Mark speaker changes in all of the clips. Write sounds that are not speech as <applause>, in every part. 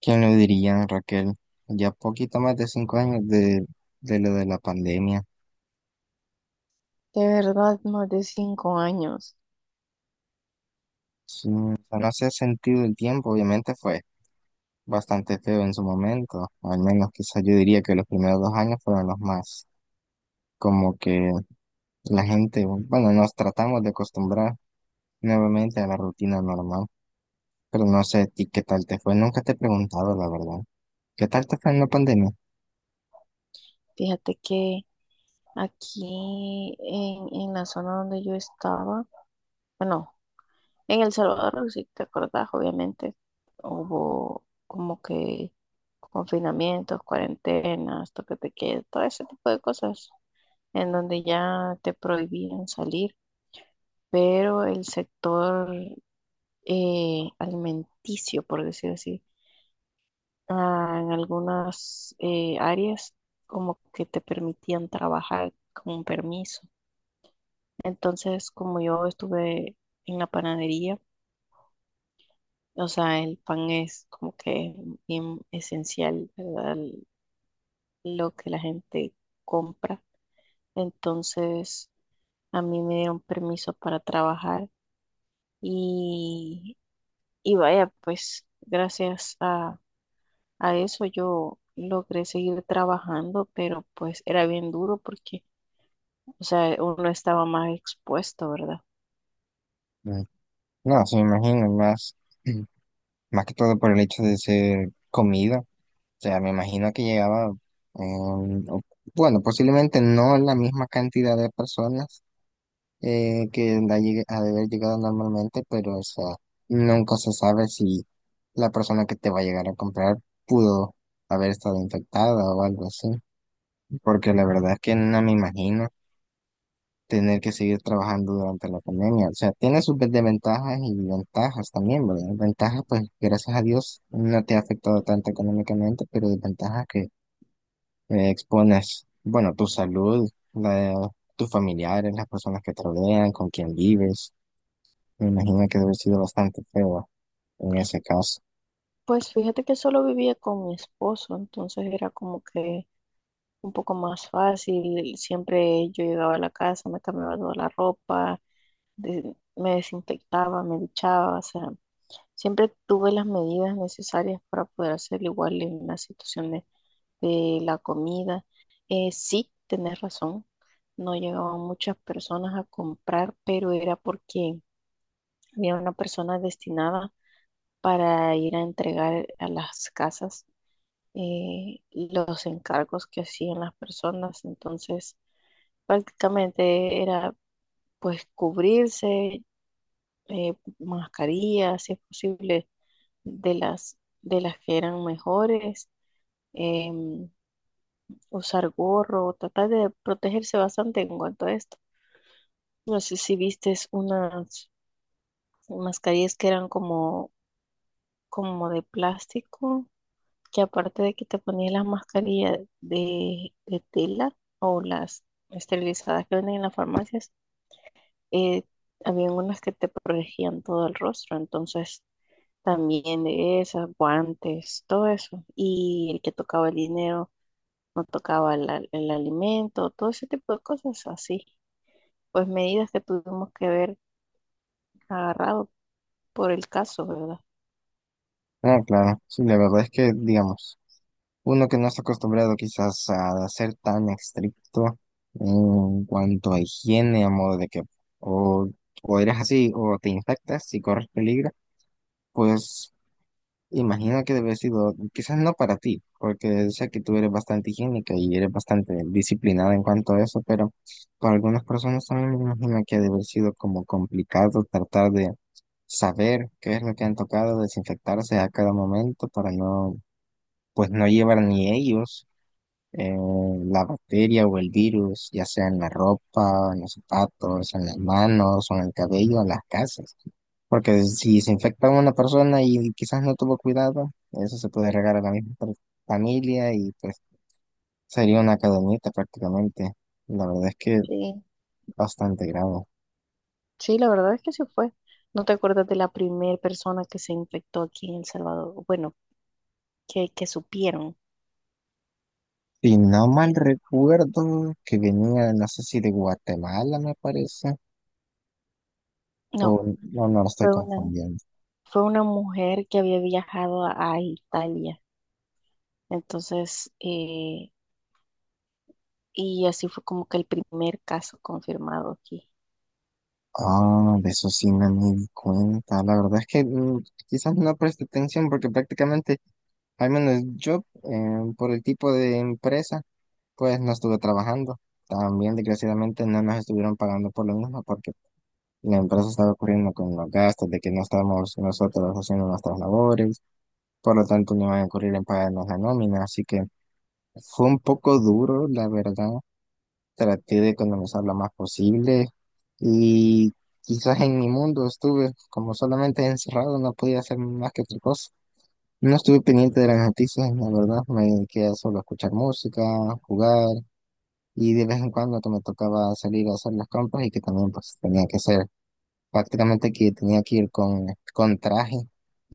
Speaker 1: ¿Quién lo diría, Raquel? Ya poquito más de 5 años de lo de la pandemia.
Speaker 2: De verdad, más de 5 años.
Speaker 1: Sí, o sea, no se ha sentido el tiempo. Obviamente fue bastante feo en su momento. Al menos quizás yo diría que los primeros 2 años fueron los más como que la gente, bueno, nos tratamos de acostumbrar nuevamente a la rutina normal. Pero no sé a ti qué tal te fue, nunca te he preguntado la verdad. ¿Qué tal te fue en la pandemia?
Speaker 2: Fíjate que aquí en la zona donde yo estaba, bueno, en El Salvador, si te acordás, obviamente, hubo como que confinamientos, cuarentenas, toque de queda, todo ese tipo de cosas, en donde ya te prohibían salir, pero el sector alimenticio, por decir así, en algunas áreas como que te permitían trabajar con un permiso. Entonces, como yo estuve en la panadería, o sea, el pan es como que bien esencial, ¿verdad? Lo que la gente compra. Entonces, a mí me dieron permiso para trabajar y, y vaya, pues gracias a eso yo logré seguir trabajando, pero pues era bien duro porque, o sea, uno estaba más expuesto, ¿verdad?
Speaker 1: Mm. No, se me imagino más, <clears throat> más que todo por el hecho de ser comida. Sea, me imagino que llegaba, em, o- bueno, posiblemente no la misma cantidad de personas que la ha de haber llegado normalmente, pero o sea, nunca se sabe si la persona que te va a llegar a comprar pudo haber estado infectada o algo así, porque la verdad es que no me imagino tener que seguir trabajando durante la pandemia. O sea, tiene sus desventajas y ventajas también, ¿verdad? Ventajas, pues, gracias a Dios, no te ha afectado tanto económicamente, pero desventajas que expones, bueno, tu salud, la de tus familiares, las personas que te rodean, con quien vives. Me imagino que debe haber sido bastante feo en ese caso.
Speaker 2: Pues fíjate que solo vivía con mi esposo, entonces era como que un poco más fácil. Siempre yo llegaba a la casa, me cambiaba toda la ropa, me desinfectaba, me duchaba, o sea, siempre tuve las medidas necesarias para poder hacer igual en la situación de la comida. Sí, tenés razón, no llegaban muchas personas a comprar, pero era porque había una persona destinada para ir a entregar a las casas los encargos que hacían las personas. Entonces, prácticamente era pues cubrirse, eh, mascarillas, si es posible, de de las que eran mejores, em, usar gorro, tratar de protegerse bastante en cuanto a esto. No sé si vistes unas mascarillas que eran como, como de plástico, que aparte de que te ponías las mascarillas de tela o las esterilizadas que venden en las farmacias, eh, habían unas que te protegían todo el rostro, entonces también de esas, guantes, todo eso, y el que tocaba el dinero, no tocaba el alimento, todo ese tipo de cosas así, pues medidas que tuvimos que ver agarrado por el caso, ¿verdad?
Speaker 1: Ah, claro, sí, la verdad es que, digamos, uno que no está acostumbrado quizás a ser tan estricto en cuanto a higiene, a modo de que o, o eres así o te infectas y corres peligro, pues imagino que debe haber sido, quizás no para ti, porque sé que tú eres bastante higiénica y eres bastante disciplinada en cuanto a eso, pero para algunas personas también me imagino que ha de haber sido como complicado tratar de saber qué es lo que han tocado, desinfectarse a cada momento para no, pues no llevar ni ellos eh, la bacteria o el virus, ya sea en la ropa, en los zapatos, en las manos o en el cabello, en las casas. Porque si se infecta una persona y quizás no tuvo cuidado, eso se puede regar a la misma familia, y pues sería una cadenita prácticamente. La verdad es que
Speaker 2: Sí,
Speaker 1: bastante grave.
Speaker 2: sí, la verdad es que sí fue. ¿No te acuerdas de la primera persona que se infectó aquí en El Salvador? Bueno, que supieron.
Speaker 1: Si no mal recuerdo que venía, no sé si de Guatemala me parece,
Speaker 2: No,
Speaker 1: o no, no lo estoy
Speaker 2: fue una,
Speaker 1: confundiendo.
Speaker 2: fue una mujer que había viajado a Italia. Entonces, y así fue como que el primer caso confirmado aquí.
Speaker 1: Ah, de eso sí no me di cuenta. La verdad es que quizás no preste atención porque prácticamente, al menos yo, por el tipo de empresa, pues no estuve trabajando. También, desgraciadamente, no nos estuvieron pagando por lo mismo porque la empresa estaba ocurriendo con los gastos de que no estábamos nosotros haciendo nuestras labores. Por lo tanto, no iban a ocurrir en pagarnos la nómina. Así que fue un poco duro, la verdad. Traté de economizar lo más posible, y quizás en mi mundo estuve como solamente encerrado, no podía hacer más que otra cosa. No estuve pendiente de las noticias, la verdad, me quedé solo a escuchar música, jugar, y de vez en cuando que me tocaba salir a hacer las compras y que también pues tenía que ser prácticamente que tenía que ir con, traje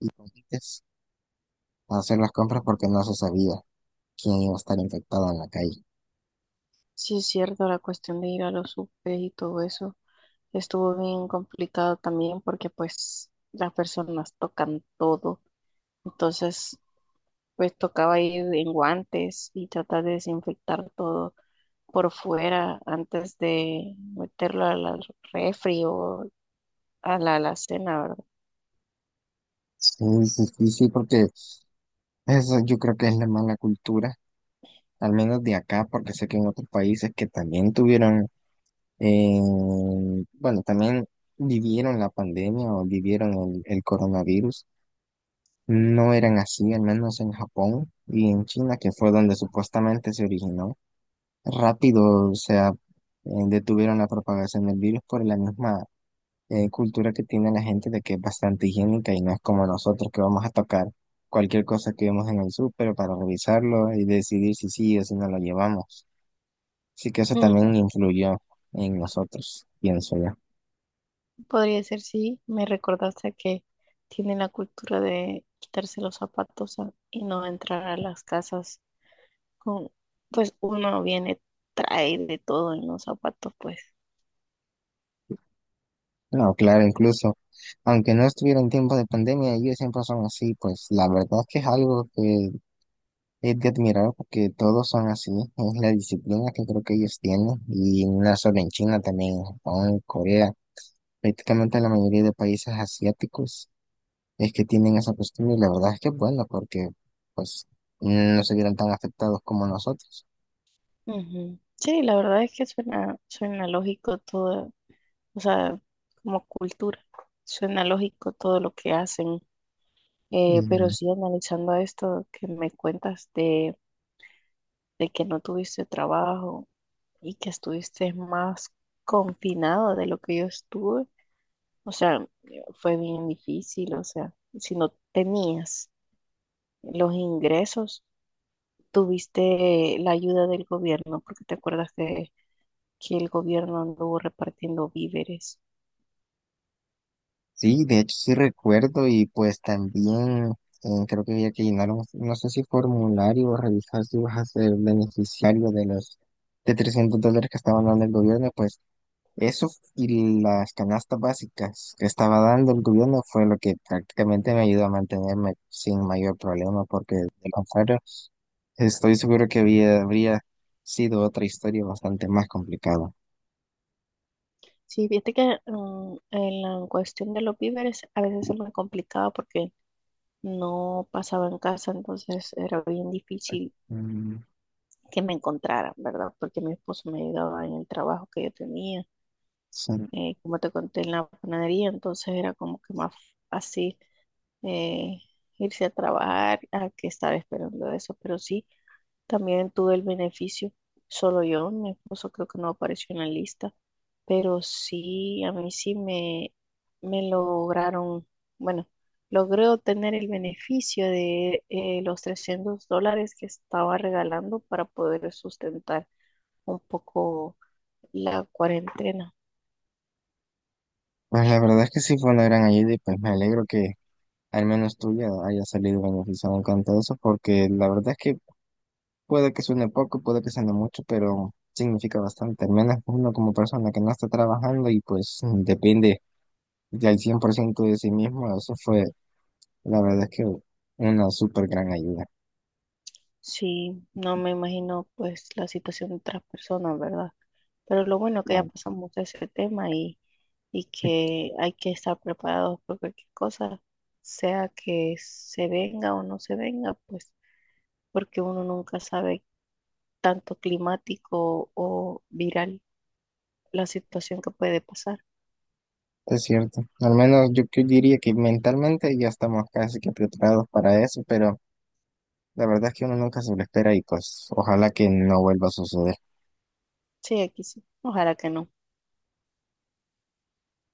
Speaker 1: y con guantes a hacer las compras porque no se sabía quién iba a estar infectado en la calle.
Speaker 2: Sí, es cierto, la cuestión de ir a los UP y todo eso estuvo bien complicado también porque pues las personas tocan todo. Entonces, pues tocaba ir en guantes y tratar de desinfectar todo por fuera antes de meterlo a la refri o a la alacena, ¿verdad?
Speaker 1: Sí, sí, sí, sí, porque eso yo creo que es la mala cultura al menos de acá, porque sé que en otros países que también tuvieron, eh, bueno, también vivieron la pandemia o vivieron el coronavirus, no eran así, al menos en Japón y en China, que fue donde supuestamente se originó. Rápido, o sea, detuvieron la propagación del virus por la misma cultura que tiene la gente de que es bastante higiénica, y no es como nosotros que vamos a tocar cualquier cosa que vemos en el súper para revisarlo y decidir si sí o si no lo llevamos. Sí que eso también
Speaker 2: <laughs>
Speaker 1: influyó en nosotros, pienso yo.
Speaker 2: Podría ser, sí, me recordaste a que tienen la cultura de quitarse los zapatos y no entrar a las casas con, pues uno viene, trae de todo en los zapatos, pues.
Speaker 1: No, claro, incluso, aunque no estuviera en tiempo de pandemia, ellos siempre son así, pues la verdad es que es algo que es de admirar porque todos son así, es la disciplina que creo que ellos tienen, y no solo en China, también en Japón, en Corea, prácticamente la mayoría de países asiáticos es que tienen esa costumbre, y la verdad es que es bueno porque, pues, no se vieron tan afectados como nosotros.
Speaker 2: Ujú. Sí, la verdad es que suena lógico todo, o sea, como cultura. Suena lógico todo lo que hacen, pero sí analizando esto que me cuentas de que no tuviste trabajo y que estuviste más confinado de lo que yo estuve, o sea, fue bien difícil, o sea, si no tenías los ingresos, tuviste la ayuda del gobierno, porque te acuerdas que el gobierno anduvo repartiendo víveres.
Speaker 1: Sí, de hecho sí recuerdo, y pues también creo que había que llenar un, no sé si formulario o revisar si vas a ser beneficiario de los de $300 que estaban dando el gobierno, pues eso y las canastas básicas que estaba dando el gobierno fue lo que prácticamente me ayudó a mantenerme sin mayor problema, porque de lo contrario estoy seguro que habría sido otra historia bastante más complicada.
Speaker 2: Sí, viste que en la cuestión de los víveres a veces se me complicaba porque no pasaba en casa, entonces era bien difícil
Speaker 1: Mm,
Speaker 2: que me encontraran, ¿verdad? Porque mi esposo me ayudaba en el trabajo que yo tenía,
Speaker 1: sí.
Speaker 2: como te conté en la panadería, entonces era como que más fácil, eh, irse a trabajar a que estar esperando eso, pero sí. También tuve el beneficio, solo yo, mi esposo creo que no apareció en la lista, pero sí, a mí sí me lograron, bueno, logré obtener el beneficio de los $300 que estaba regalando para poder sustentar un poco la cuarentena.
Speaker 1: Pues la verdad es que sí fue una gran ayuda, y pues me alegro que al menos tuya haya salido beneficiado en eso, porque la verdad es que puede que suene poco, puede que suene mucho, pero significa bastante. Al menos uno como persona que no está trabajando y pues depende del 100% de sí mismo, eso fue, la verdad es que, una súper gran ayuda.
Speaker 2: Sí, no me imagino pues la situación de otras personas, ¿verdad? Pero lo bueno que ya
Speaker 1: la-
Speaker 2: pasamos de ese tema y que hay que estar preparados por cualquier cosa, sea que se venga o no se venga, pues porque uno nunca sabe, tanto climático o viral, la situación que puede pasar.
Speaker 1: Es cierto, al menos yo, diría que mentalmente ya estamos casi que preparados para eso, pero la verdad es que uno nunca se lo espera, y pues ojalá que no vuelva a suceder.
Speaker 2: Sí, aquí sí. Ojalá que no.